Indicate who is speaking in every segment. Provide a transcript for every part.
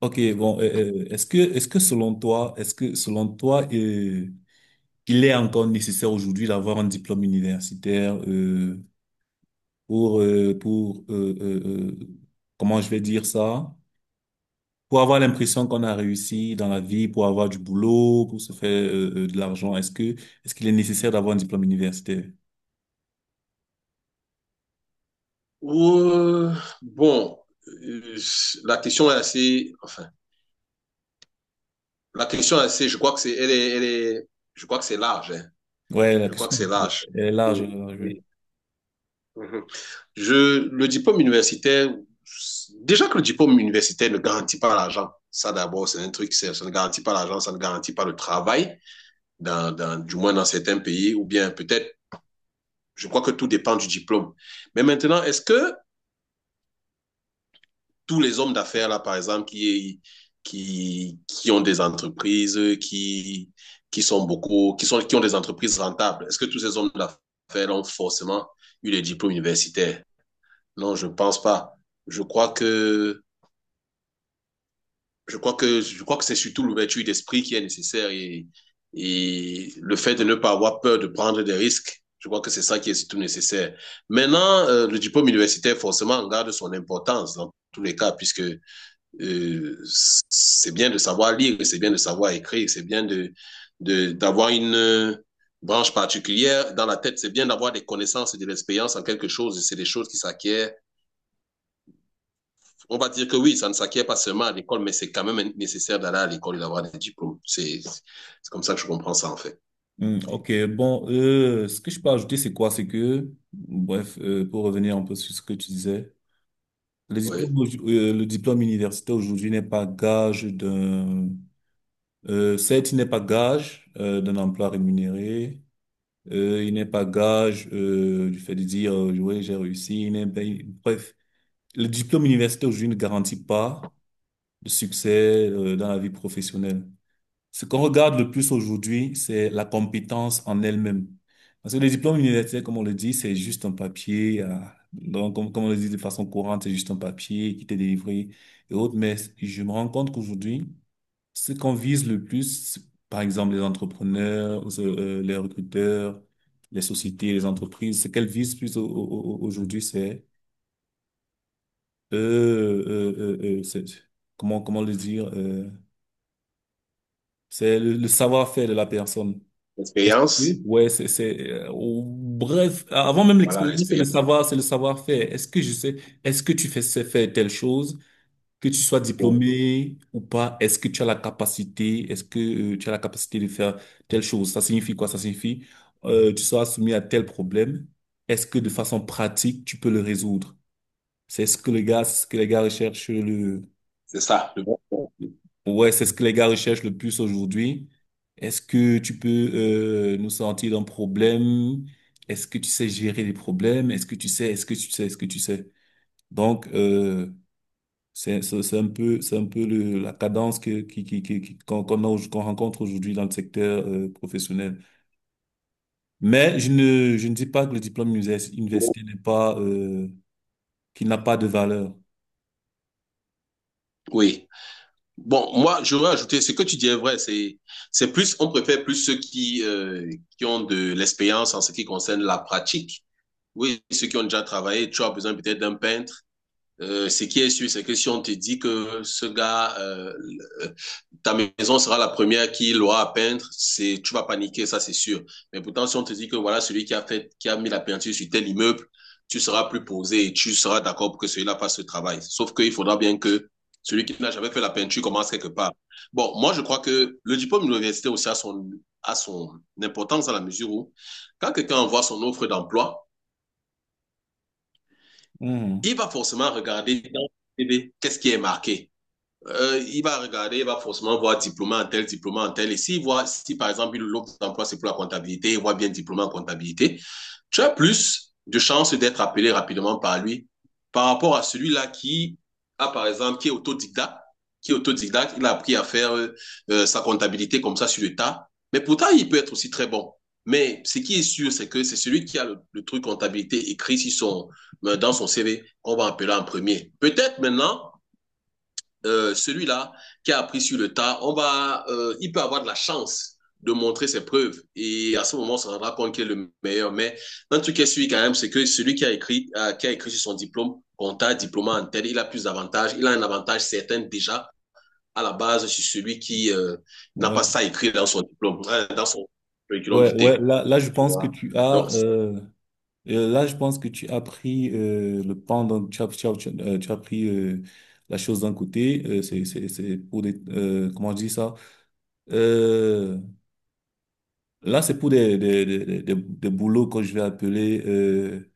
Speaker 1: Ok, bon, euh, Est-ce que, est-ce que selon toi, il est encore nécessaire aujourd'hui d'avoir un diplôme universitaire pour, comment je vais dire ça, pour avoir l'impression qu'on a réussi dans la vie, pour avoir du boulot, pour se faire de l'argent, est-ce qu'il est nécessaire d'avoir un diplôme universitaire?
Speaker 2: Ouh, bon, euh, la question est assez, je crois que c'est, je crois que c'est large, hein.
Speaker 1: Ouais, la
Speaker 2: Je crois que
Speaker 1: question
Speaker 2: c'est large.
Speaker 1: elle est large, oui.
Speaker 2: Et- Mhm. Le diplôme universitaire, déjà que le diplôme universitaire ne garantit pas l'argent, ça d'abord, c'est un truc, c'est- ça ne garantit pas l'argent, ça ne garantit pas le travail, du moins dans certains pays, ou bien peut-être, je crois que tout dépend du diplôme. Mais maintenant, est-ce que tous les hommes d'affaires, là, par exemple, qui ont des entreprises, qui sont beaucoup, qui, sont, qui ont des entreprises rentables, est-ce que tous ces hommes d'affaires ont forcément eu les diplômes universitaires? Non, je ne pense pas. Je crois que, je crois que c'est surtout l'ouverture d'esprit qui est nécessaire et le fait de ne pas avoir peur de prendre des risques, je crois que c'est ça qui est surtout nécessaire. Maintenant, le diplôme universitaire, forcément, garde son importance dans tous les cas, puisque c'est bien de savoir lire, c'est bien de savoir écrire, c'est bien de, d'avoir une branche particulière dans la tête, c'est bien d'avoir des connaissances et de l'expérience en quelque chose, et c'est des choses qui s'acquièrent. On va dire que oui, ça ne s'acquiert pas seulement à l'école, mais c'est quand même nécessaire d'aller à l'école et d'avoir des diplômes. C'est comme ça que je comprends ça, en fait.
Speaker 1: Hmm, ok, ce que je peux ajouter, c'est quoi? C'est que, bref, pour revenir un peu sur ce que tu disais.
Speaker 2: Oui.
Speaker 1: Le diplôme universitaire aujourd'hui n'est pas gage d'un. Certes, il n'est pas gage d'un emploi rémunéré, il n'est pas gage du fait de dire, ouais, j'ai réussi, il n'est, ben, bref, le diplôme universitaire aujourd'hui ne garantit pas de succès dans la vie professionnelle. Ce qu'on regarde le plus aujourd'hui, c'est la compétence en elle-même. Parce que les diplômes universitaires, comme on le dit, c'est juste un papier. Donc, comme on le dit de façon courante, c'est juste un papier qui t'est délivré et autres. Mais je me rends compte qu'aujourd'hui, ce qu'on vise le plus, par exemple les entrepreneurs, les recruteurs, les sociétés, les entreprises, ce qu'elles visent plus aujourd'hui, c'est, comment le dire, c'est le savoir-faire de la personne.
Speaker 2: L'expérience,
Speaker 1: Ouais, bref, avant même
Speaker 2: voilà,
Speaker 1: l'expérience,
Speaker 2: l'expérience.
Speaker 1: c'est le savoir-faire. Est-ce que je sais, est-ce que tu fais sais faire telle chose, que tu sois diplômé ou pas, est-ce que tu as la capacité de faire telle chose? Ça signifie quoi? Ça signifie, tu seras soumis à tel problème. Est-ce que de façon pratique, tu peux le résoudre? C'est ce que les gars recherchent
Speaker 2: C'est ça.
Speaker 1: ouais, c'est ce que les gars recherchent le plus aujourd'hui. Est-ce que tu peux nous sortir d'un problème? Est-ce que tu sais gérer les problèmes? Est-ce que tu sais? Est-ce que tu sais? Est-ce que tu sais? Donc, c'est un peu le, la cadence que qui- qu'on qu'on rencontre aujourd'hui dans le secteur professionnel. Mais je ne dis pas que le universitaire n'est pas qu'il n'a pas de valeur.
Speaker 2: Oui. Bon, moi, je veux ajouter, ce que tu dis est vrai, c'est plus, on préfère plus ceux qui ont de l'expérience en ce qui concerne la pratique. Oui, ceux qui ont déjà travaillé, tu as besoin peut-être d'un peintre ce qui est sûr, c'est que si on te dit que ce gars, ta maison sera la première qu'il aura à peindre, c'est, tu vas paniquer, ça c'est sûr. Mais pourtant, si on te dit que voilà, celui qui a fait, qui a mis la peinture sur tel immeuble, tu seras plus posé et tu seras d'accord pour que celui-là fasse ce travail. Sauf qu'il faudra bien que celui qui n'a jamais fait la peinture commence quelque part. Bon, moi, je crois que le diplôme de l'université aussi a son importance à la mesure où, quand quelqu'un envoie son offre d'emploi,
Speaker 1: Mhm.
Speaker 2: il va forcément regarder dans le CV qu'est-ce qui est marqué. Il va forcément voir diplômé en tel, diplômé en tel. Et s'il voit, si par exemple l'autre emploi c'est pour la comptabilité, il voit bien diplômé en comptabilité, tu as plus de chances d'être appelé rapidement par lui par rapport à celui-là qui a par exemple, qui est autodidacte, il a appris à faire sa comptabilité comme ça sur le tas, mais pourtant il peut être aussi très bon. Mais ce qui est sûr, c'est que c'est celui qui a le truc comptabilité écrit sur son, dans son CV qu'on va appeler en premier. Peut-être maintenant, celui-là qui a appris sur le tas, il peut avoir de la chance de montrer ses preuves. Et à ce moment, on se rendra compte qu'il est le meilleur. Mais un truc qui est sûr quand même, c'est que celui qui a écrit sur son diplôme, comptable, diplôme en tête, il a plus d'avantages. Il a un avantage certain déjà à la base sur celui qui n'a pas
Speaker 1: Ouais
Speaker 2: ça écrit dans son diplôme, dans son curriculum
Speaker 1: ouais.
Speaker 2: vitae.
Speaker 1: Là, je
Speaker 2: Tu
Speaker 1: pense que
Speaker 2: vois?
Speaker 1: tu as
Speaker 2: Donc,
Speaker 1: là, je pense que tu as pris le pendant, tu as pris la chose d'un côté. C'est pour des, comment je dis ça? Euh, Là, c'est pour des boulots que je vais appeler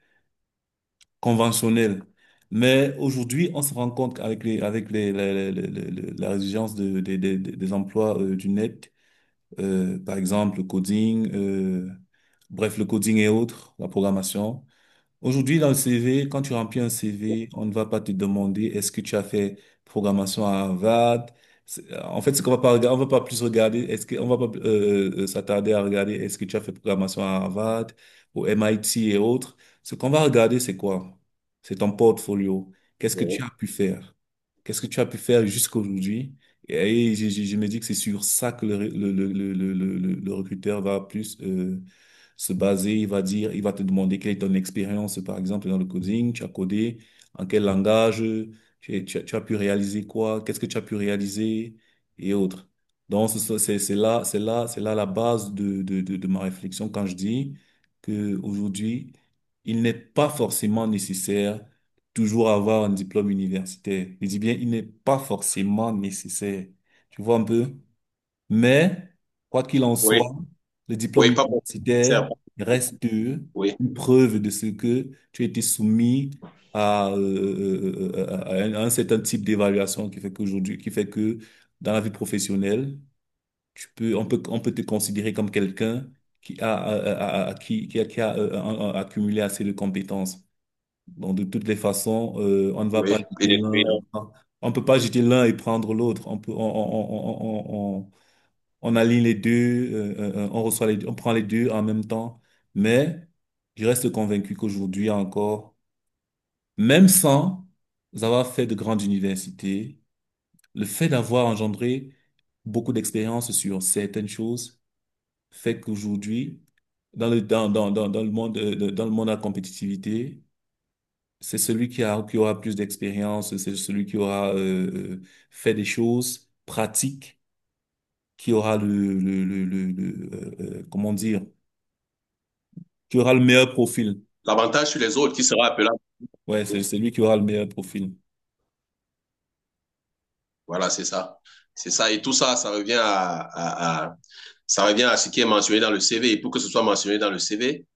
Speaker 1: conventionnels. Mais aujourd'hui, on se rend compte qu'avec les, avec les- la résilience des emplois du net, par exemple, le coding, bref, le coding et autres, la programmation. Aujourd'hui, dans le CV, quand tu remplis un CV, on ne va pas te demander est-ce que tu as fait programmation à Harvard. En fait, ce qu'on va pas on va pas plus regarder, on va pas s'attarder à regarder est-ce que tu as fait programmation à Harvard, au MIT et autres. Ce qu'on va regarder, c'est quoi? C'est ton portfolio. Qu'est-ce que tu
Speaker 2: bon,
Speaker 1: as pu faire? Qu'est-ce que tu as pu faire jusqu'à aujourd'hui? Et, je me dis que c'est sur ça que le recruteur va plus se baser. Il va dire, il va te demander quelle est ton expérience, par exemple, dans le coding. Tu as codé en quel langage, tu as pu réaliser quoi, qu'est-ce que tu as pu réaliser et autres. Donc, c'est là, c'est là la base de ma réflexion quand je dis que aujourd'hui, il n'est pas forcément nécessaire toujours avoir un diplôme universitaire. Je dis bien, il n'est pas forcément nécessaire. Tu vois un peu? Mais, quoi qu'il en
Speaker 2: oui,
Speaker 1: soit, le diplôme
Speaker 2: oui, pas pour.
Speaker 1: universitaire reste
Speaker 2: Oui,
Speaker 1: une preuve de ce que tu as été soumis à, euh, à à un certain type d'évaluation qui fait qu'aujourd'hui, qui fait que dans la vie professionnelle, on peut te considérer comme quelqu'un qui a, a- a- a- qui a, un- accumulé assez de compétences. Donc, de toutes les façons,
Speaker 2: oui. Et des-
Speaker 1: on peut pas jeter l'un et prendre l'autre. On peut, on- On aligne les deux, on reçoit les deux, on prend les deux en même temps. Mais je reste convaincu qu'aujourd'hui encore, même sans avoir fait de grandes universités, le fait d'avoir engendré beaucoup d'expérience sur certaines choses fait qu'aujourd'hui, dans dans le monde, dans le monde de la compétitivité, c'est qui aura plus d'expérience, c'est celui qui aura euh, fait des choses pratiques, qui aura comment dire, qui aura le meilleur profil.
Speaker 2: L'avantage sur les autres qui sera appelé à-
Speaker 1: Ouais, c'est lui qui aura le meilleur profil.
Speaker 2: Voilà, c'est ça. C'est ça. Et tout ça, ça revient à, ça revient à ce qui est mentionné dans le CV. Et pour que ce soit mentionné dans le CV,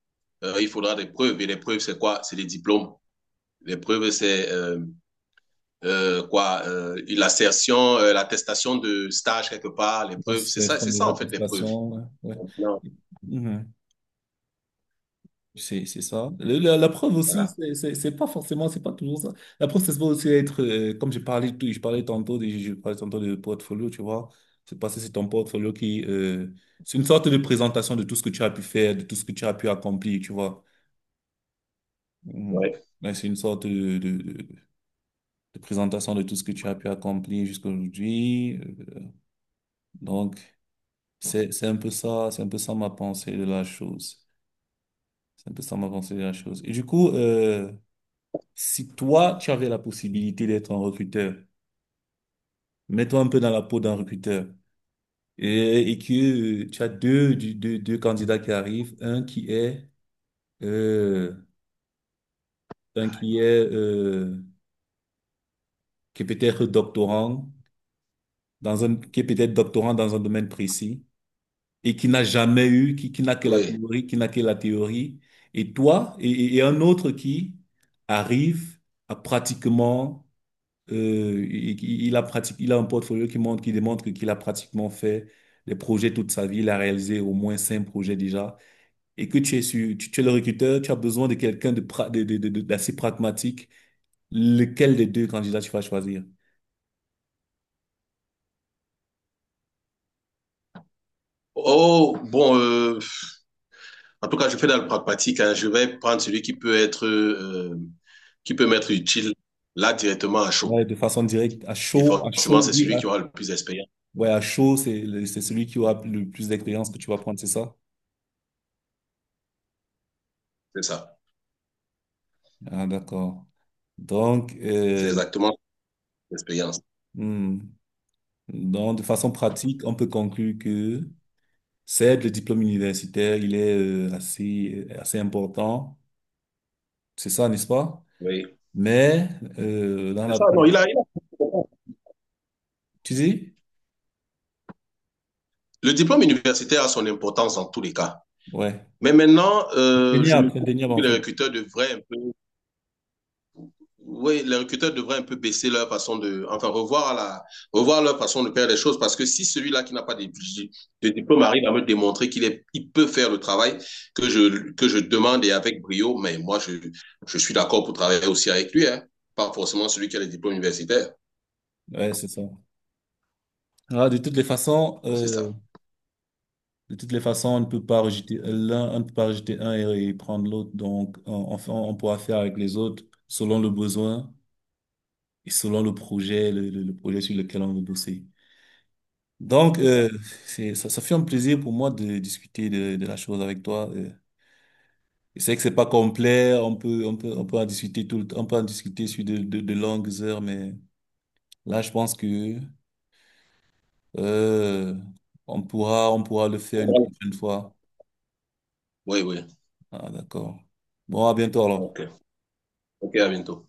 Speaker 2: il faudra des preuves. Et les preuves, c'est quoi? C'est les diplômes. Les preuves, c'est quoi l'assertion, l'attestation de stage quelque part. Les
Speaker 1: Ouais,
Speaker 2: preuves,
Speaker 1: c'est le centre
Speaker 2: c'est
Speaker 1: de
Speaker 2: ça en fait les preuves.
Speaker 1: ouais.
Speaker 2: Non,
Speaker 1: Ouais. Mhm. C'est ça. La, la preuve aussi,
Speaker 2: voilà.
Speaker 1: c'est pas forcément, c'est pas toujours ça. La preuve, c'est aussi être, comme j'ai parlé, je parlais tantôt de portfolio, tu vois. C'est parce que c'est ton portfolio qui c'est une sorte de présentation de tout ce que tu as pu faire, de tout ce que tu as pu accomplir, tu vois. Mhm.
Speaker 2: Ouais.
Speaker 1: Ouais, c'est une sorte de présentation de tout ce que tu as pu accomplir jusqu'aujourd'hui. Donc, c'est un peu ça, c'est un peu ça ma pensée de la chose. C'est un peu ça ma pensée de la chose. Et du coup, si toi, tu avais la possibilité d'être un recruteur, mets-toi un peu dans la peau d'un recruteur et que tu as deux candidats qui arrivent, euh, un euh, qui est peut-être doctorant qui est peut-être doctorant dans un domaine précis et qui n'a jamais eu, qui n'a que la
Speaker 2: Oui.
Speaker 1: théorie, qui n'a que la théorie, et un autre qui arrive à pratiquement, il a pratique, il a un portfolio qui montre, qui démontre qu'il a pratiquement fait des projets toute sa vie, il a réalisé au moins 5 projets déjà, et que tu es le recruteur, tu as besoin de quelqu'un de, pra- de- d'assez pragmatique, lequel des deux candidats tu vas choisir?
Speaker 2: Oh bon, en tout cas, je fais dans le pragmatique, hein. Je vais prendre celui qui peut être, qui peut m'être utile là directement à chaud.
Speaker 1: Ouais, de façon directe, à
Speaker 2: Et
Speaker 1: chaud,
Speaker 2: forcément, c'est
Speaker 1: oui,
Speaker 2: celui qui aura le plus d'expérience.
Speaker 1: ouais, à chaud, c'est celui qui aura le plus d'expérience que tu vas prendre, c'est ça?
Speaker 2: C'est ça.
Speaker 1: Ah, d'accord. Donc,
Speaker 2: C'est exactement l'expérience.
Speaker 1: hmm, donc, de façon pratique, on peut conclure que certes, le diplôme universitaire, il est assez important, c'est ça, n'est-ce pas?
Speaker 2: Oui.
Speaker 1: Mais dans
Speaker 2: C'est
Speaker 1: la
Speaker 2: ça, non,
Speaker 1: pratique, tu dis?
Speaker 2: le diplôme universitaire a son importance en tous les cas.
Speaker 1: Ouais,
Speaker 2: Mais maintenant, je me
Speaker 1: indéniable, indéniable
Speaker 2: trouve que
Speaker 1: en
Speaker 2: les
Speaker 1: fait.
Speaker 2: recruteurs devraient un peu oui, les recruteurs devraient un peu baisser leur façon de, enfin, revoir leur façon de faire les choses parce que si celui-là qui n'a pas de, de diplôme arrive à me démontrer qu'il est, il peut faire le travail que je demande et avec brio, mais je suis d'accord pour travailler aussi avec lui, hein, pas forcément celui qui a les diplômes universitaires.
Speaker 1: Ouais, c'est ça. Ah, de toutes les façons,
Speaker 2: C'est ça.
Speaker 1: de toutes les façons, on ne peut pas rejeter l'un, on ne peut pas rejeter un et prendre l'autre. Donc, on pourra faire avec les autres selon le besoin et selon le projet, le projet sur lequel on veut bosser. Donc,
Speaker 2: C'est ça.
Speaker 1: ça fait un plaisir pour moi de discuter de la chose avec toi. Et c'est vrai que c'est pas complet, on peut en discuter tout le temps, on peut en discuter sur de longues heures, mais là, je pense que, euh, on pourra le faire une prochaine fois.
Speaker 2: Oui, oui.
Speaker 1: Ah, d'accord. Bon, à bientôt alors.
Speaker 2: OK. OK, à bientôt.